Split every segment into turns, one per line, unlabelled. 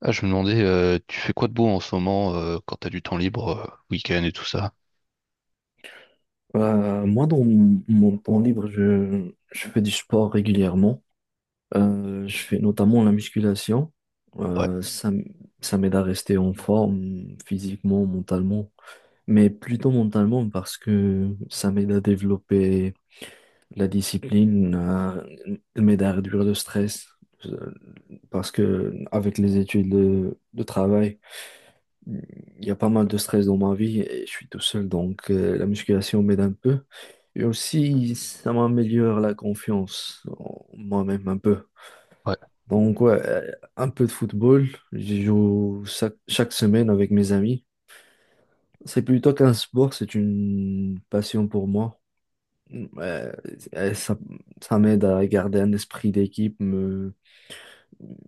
Ah, je me demandais, tu fais quoi de beau en ce moment quand t'as du temps libre, week-end et tout ça?
Moi, dans mon temps libre, je fais du sport régulièrement. Je fais notamment la musculation.
Ouais,
Euh, ça, m- Ça m'aide à rester en forme physiquement, mentalement, mais plutôt mentalement parce que ça m'aide à développer la m'aide à réduire le stress. euh, Parce que avec les études de travail, il y a pas mal de stress dans ma vie et je suis tout seul, donc la musculation m'aide un peu. Et aussi, ça m'améliore la confiance en moi-même un peu.
ouais.
Donc, ouais, un peu de football. Je joue chaque semaine avec mes amis. C'est plutôt qu'un sport, c'est une passion pour moi. Mm. Et ça m'aide à garder un esprit d'équipe,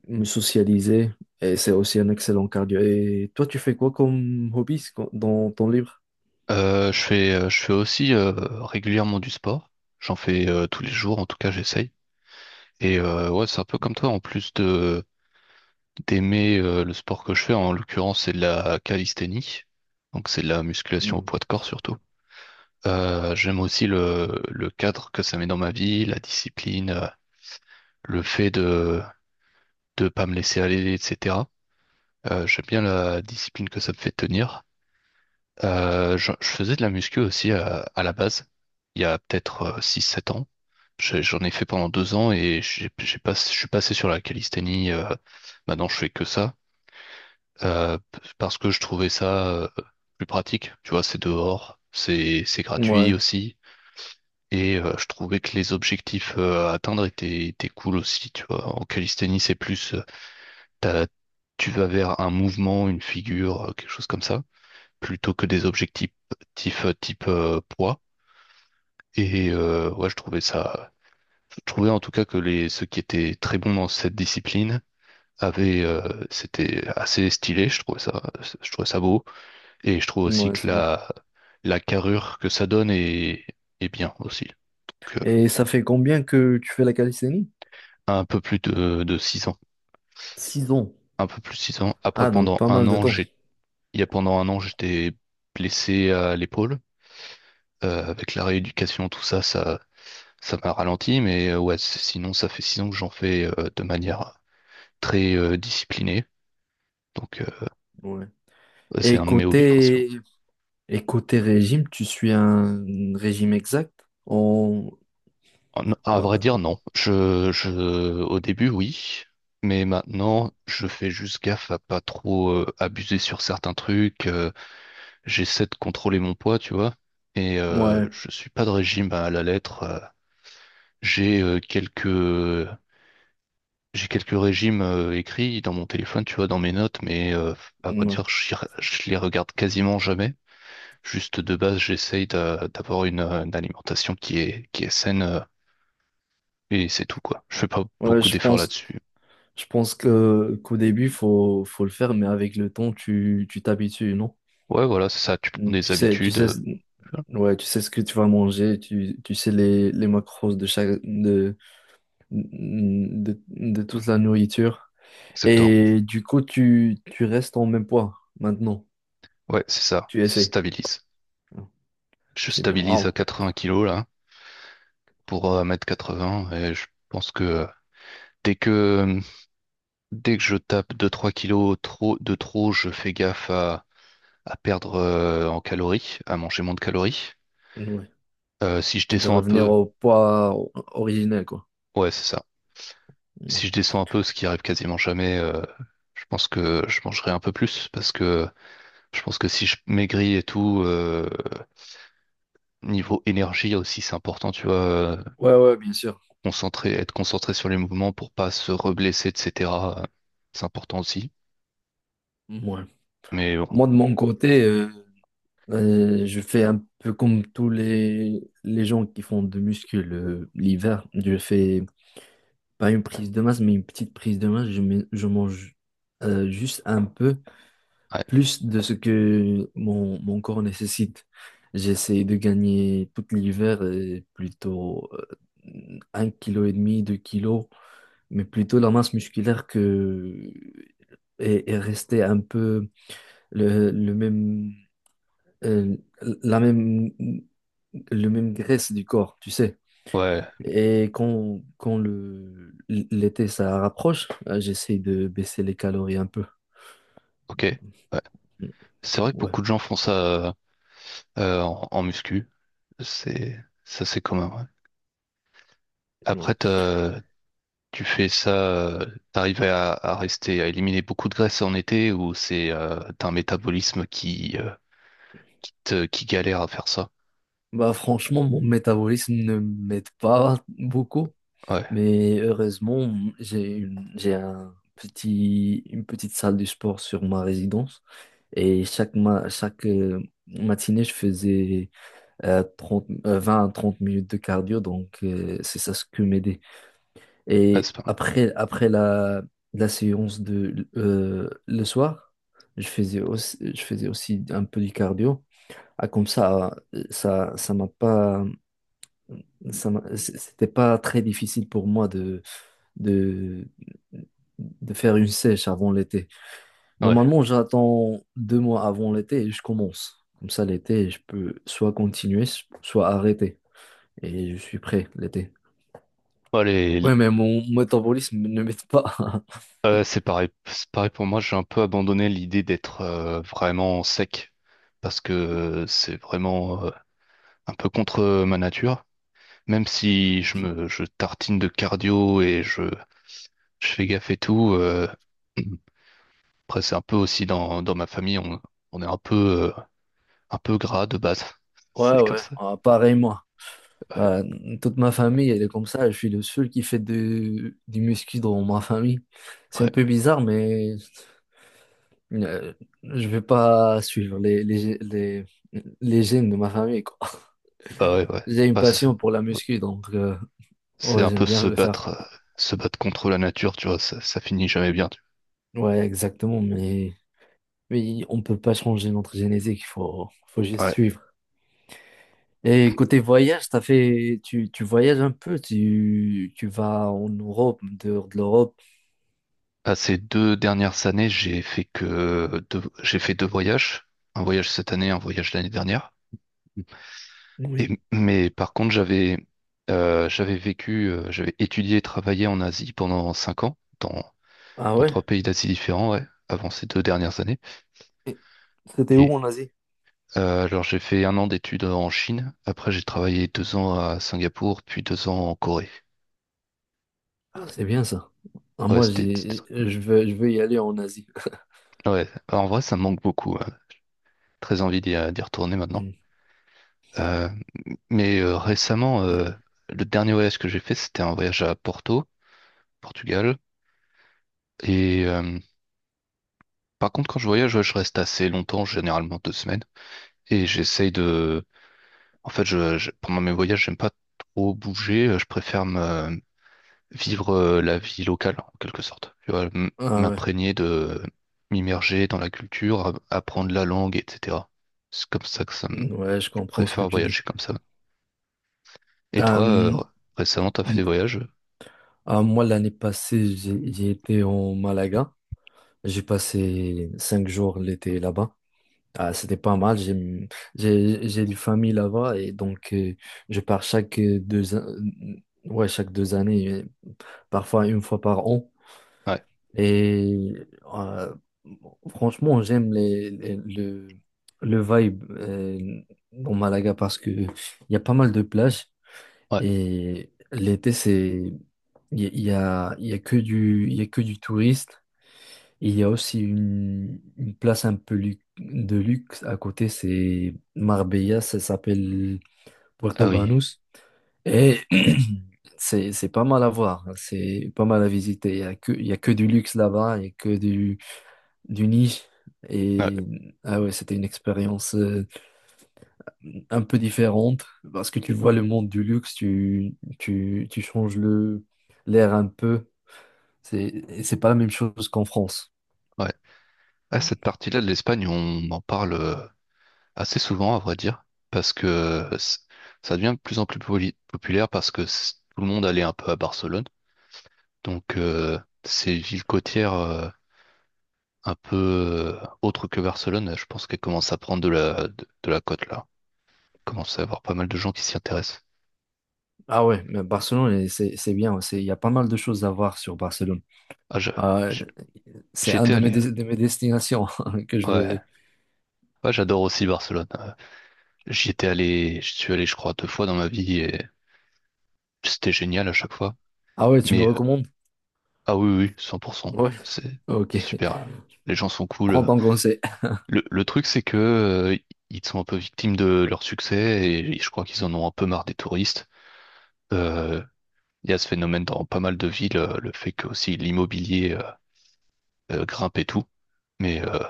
me socialiser. Et c'est aussi un excellent cardio. Et toi, tu fais quoi comme hobby dans ton livre?
Je fais aussi régulièrement du sport. J'en fais tous les jours, en tout cas j'essaye. Et ouais, c'est un peu comme toi, en plus de d'aimer le sport que je fais, en l'occurrence c'est de la calisthénie, donc c'est de la musculation au
Mm.
poids de corps surtout. J'aime aussi le cadre que ça met dans ma vie, la discipline, le fait de pas me laisser aller, etc. J'aime bien la discipline que ça me fait tenir. Je faisais de la muscu aussi à la base, il y a peut-être six sept ans. J'en ai fait pendant deux ans et j'ai pas, je suis passé sur la calisthénie. Maintenant, je fais que ça parce que je trouvais ça plus pratique. Tu vois, c'est dehors, c'est gratuit
Ouais,
aussi. Et je trouvais que les objectifs à atteindre étaient cool aussi. Tu vois, en calisthénie, c'est plus, t'as- tu vas vers un mouvement, une figure, quelque chose comme ça. Plutôt que des objectifs type poids. Et ouais, je trouvais en tout cas que les ceux qui étaient très bons dans cette discipline avaient, c'était assez stylé. Je trouvais ça beau. Et je trouve aussi
ouais,
que
c'est bon.
la carrure que ça donne est bien aussi. Donc,
Et ça fait combien que tu fais la calisthénie?
un peu plus de
6 ans.
un peu plus de six ans. Après,
Ah, donc pas mal de temps.
pendant un an, j'étais blessé à l'épaule. Avec la rééducation, ça m'a ralenti, mais ouais, sinon, ça fait six ans que j'en fais de manière très disciplinée. Donc,
Ouais.
c'est
Et
un de mes hobbies principaux.
côté, et côté régime, tu suis un régime exact? On...
À
on...
vrai dire, non. Au début, oui. Mais maintenant, je fais juste gaffe à pas trop abuser sur certains trucs. J'essaie de contrôler mon poids, tu vois. Et
Ouais,
je suis pas de régime à la lettre. J'ai euh, quelques J'ai quelques régimes écrits dans mon téléphone, tu vois, dans mes notes, mais à vrai
ouais.
dire, je les regarde quasiment jamais. Juste de base, d'avoir une alimentation qui est saine et c'est tout, quoi. Je fais pas
Ouais,
beaucoup
je
d'efforts
pense,
là-dessus.
je pense que qu'au début, faut le faire, mais avec le temps, tu t'habitues, non?
Ouais, voilà, c'est ça. Tu prends
Tu
des
sais, tu
habitudes.
sais,
Voilà,
ouais, tu sais ce que tu vas manger, tu sais les macros de chaque, de toute la nourriture.
exactement.
Et du coup, tu restes en même poids maintenant.
Ouais, c'est ça.
Tu
Ça
essaies.
stabilise. Je
C'est bien.
stabilise
Ah,
à 80 kilos, là, pour 1 m 80 et je pense que dès que, dès que je tape deux trois kilos de trop, je fais gaffe à. À perdre en calories, à manger moins de calories.
ouais.
Si je
Et de
descends un
revenir
peu,
au poids o- originel, quoi.
ouais, c'est ça.
Ouais,
Si je descends un peu, ce qui arrive quasiment jamais, je pense que je mangerai un peu plus parce que je pense que si je maigris et tout, niveau énergie aussi, c'est important, tu vois,
ouais, bien sûr.
concentrer, être concentré sur les mouvements pour pas se reblesser, etc. euh, C'est important aussi.
Ouais.
Mais bon,
Moi, de mon côté, je fais un peu comme tous les gens qui font de muscu l'hiver. Je fais pas une prise de masse, mais une petite prise de masse, je mange juste un peu
ouais,
plus de ce que mon corps nécessite. J'essaie de gagner tout l'hiver plutôt un kilo et demi, 2 kilos, mais plutôt la masse musculaire que et rester un peu le même euh, la même le même graisse du corps, tu sais.
ouais,
Et l'été, ça rapproche, j'essaie de baisser les calories un peu.
ok. Ouais. C'est vrai que
Ouais,
beaucoup de gens font ça en muscu. C'est ça, c'est commun. Ouais.
ouais.
Après, t'as- Tu fais ça, euh, t'arrives à rester, à éliminer beaucoup de graisse en été ou c'est t'as un métabolisme qui, qui galère à faire ça?
Bah, franchement, mon métabolisme ne m'aide pas beaucoup,
Ouais,
mais heureusement, j'ai un petit, une petite salle de sport sur ma résidence et chaque matinée, je faisais 30, 20 à 30 minutes de cardio, donc c'est ça ce que m'aidait.
ouais, c'est
Et
pas
après la séance de le soir, je faisais aussi un peu du cardio. Ah, comme ça, ça, ça m'a pas, ça m'a- c- c'était pas très difficile pour moi de, de faire une sèche avant l'été.
mal. Ouais.
Normalement, j'attends 2 mois avant l'été et je commence. Comme ça, l'été, je peux soit continuer, soit arrêter. Et je suis prêt l'été.
Bon, les-
Ouais, mais mon métabolisme ne m'aide pas.
c'est pareil, c'est pareil pour moi, j'ai un peu abandonné l'idée d'être vraiment sec parce que c'est vraiment un peu contre ma nature. Même si je tartine de cardio et je fais gaffe et tout, après c'est un peu aussi dans ma famille, on est un peu gras de base.
Ouais,
C'est comme
ouais,
ça.
ah, pareil moi. Euh, Toute ma famille, elle est comme ça. Je suis le seul qui fait du muscu dans ma famille. C'est un peu
Ouais,
bizarre, mais euh, je vais pas suivre les gènes de ma famille, quoi.
bah ouais, ouais.
J'ai une
Bah, c'est
passion pour la
ouais.
muscu, donc
C'est
ouais,
un
j'aime
peu
bien le faire.
se battre contre la nature, tu vois, ça finit jamais bien. Tu
Ouais, exactement, mais on peut pas changer notre génétique, faut juste
vois. Ouais.
suivre. Et côté voyage, tu voyages un peu, tu vas en Europe, en dehors de l'Europe.
Bah, ces deux dernières années, j'ai fait deux voyages. Un voyage cette année, un voyage l'année dernière.
Oui.
Et, mais par contre, j'avais vécu, j'avais étudié et travaillé en Asie pendant cinq ans,
Ah
dans
ouais?
trois pays d'Asie différents, ouais, avant ces deux dernières années.
Et c'était où
Et,
en Asie?
Alors j'ai fait un an d'études en Chine, après j'ai travaillé deux ans à Singapour, puis deux ans en Corée.
Ah, c'est bien ça. Ah,
Ouais,
moi,
c'était... c'était très-
je veux y aller en Asie.
Ouais, en vrai ça me manque beaucoup, hein. Très envie d'y retourner maintenant.
Hmm.
Euh, Récemment, le dernier voyage que j'ai fait, c'était un voyage à Porto, Portugal. Et par contre, quand je voyage, ouais, je reste assez longtemps, généralement deux semaines. Et j'essaye de... En fait, pendant mes voyages, j'aime pas trop bouger, je préfère me vivre la vie locale, en quelque sorte. Tu vois,
Ah ouais,
m'imprégner de m'immerger dans la culture, apprendre la langue, etc. C'est comme ça que ça me...
ouais, je
Je
comprends ce que
préfère
tu dis.
voyager comme ça. Et
Euh,
toi,
m-
récemment, t'as fait des
m-
voyages?
ah, moi, l'année passée, j'ai été en Malaga. J'ai passé 5 jours l'été là-bas. Ah, c'était pas mal. J'ai une famille là-bas et donc je pars ouais chaque 2 années, parfois une fois par an.
Ouais,
Et euh, franchement, j'aime le vibe dans Malaga parce que il y a pas mal de plages
ouais.
et l'été, c'est il y, a, il y a il y a que du il y a que du touriste. Et il y a aussi une place un peu de luxe à côté, c'est Marbella, ça s'appelle
Ah
Puerto
oui.
Banús et c'est pas mal à voir, c'est pas mal à visiter. Il y a que du luxe là-bas, il y a que du nid.
Ouais,
Et ah ouais, c'était une expérience un peu différente parce que tu vois le monde du luxe, tu changes le l'air un peu. C'est, et c'est pas la même chose qu'en France.
ouais. Ah, cette partie-là de l'Espagne, on en parle assez souvent, à vrai dire, parce que ça devient de plus en plus populaire parce que tout le monde allait un peu à Barcelone. Donc, ces villes côtières un peu autre que Barcelone, je pense qu'elle commence à prendre de de la cote là. Commence à avoir pas mal de gens qui s'y intéressent.
Ah ouais, mais Barcelone, c'est bien. Il y a pas mal de choses à voir sur Barcelone.
Ah, je-
Ah,
j-
c'est
J'y
un
allé.
de mes destinations que je vais.
Ouais, ouais, j'adore aussi Barcelone. J'y étais allé, je suis allé, je crois, deux fois dans ma vie et c'était génial à chaque fois.
Ah ouais, tu me
Mais
recommandes?
ah oui, oui, oui, 100%.
Ouais,
C'est
ok.
c'est super. Là. Les gens sont cool.
Prends ton conseil.
Le truc, c'est que ils sont un peu victimes de leur succès et je crois qu'ils en ont un peu marre des touristes. Euh, Il y a ce phénomène dans pas mal de villes, le fait que aussi l'immobilier grimpe et tout. Mais euh,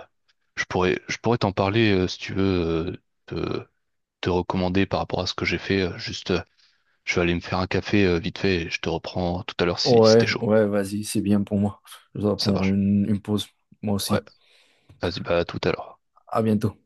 je pourrais, je pourrais t'en parler si tu veux, euh, te, te recommander par rapport à ce que j'ai fait. Juste, je vais aller me faire un café vite fait et je te reprends tout à l'heure si, si t'es
Ouais,
chaud.
ouais, vas-y, c'est bien pour moi. Je dois
Ça
prendre
marche.
une pause, moi
Ouais,
aussi.
vas-y, bah à tout à l'heure.
À bientôt.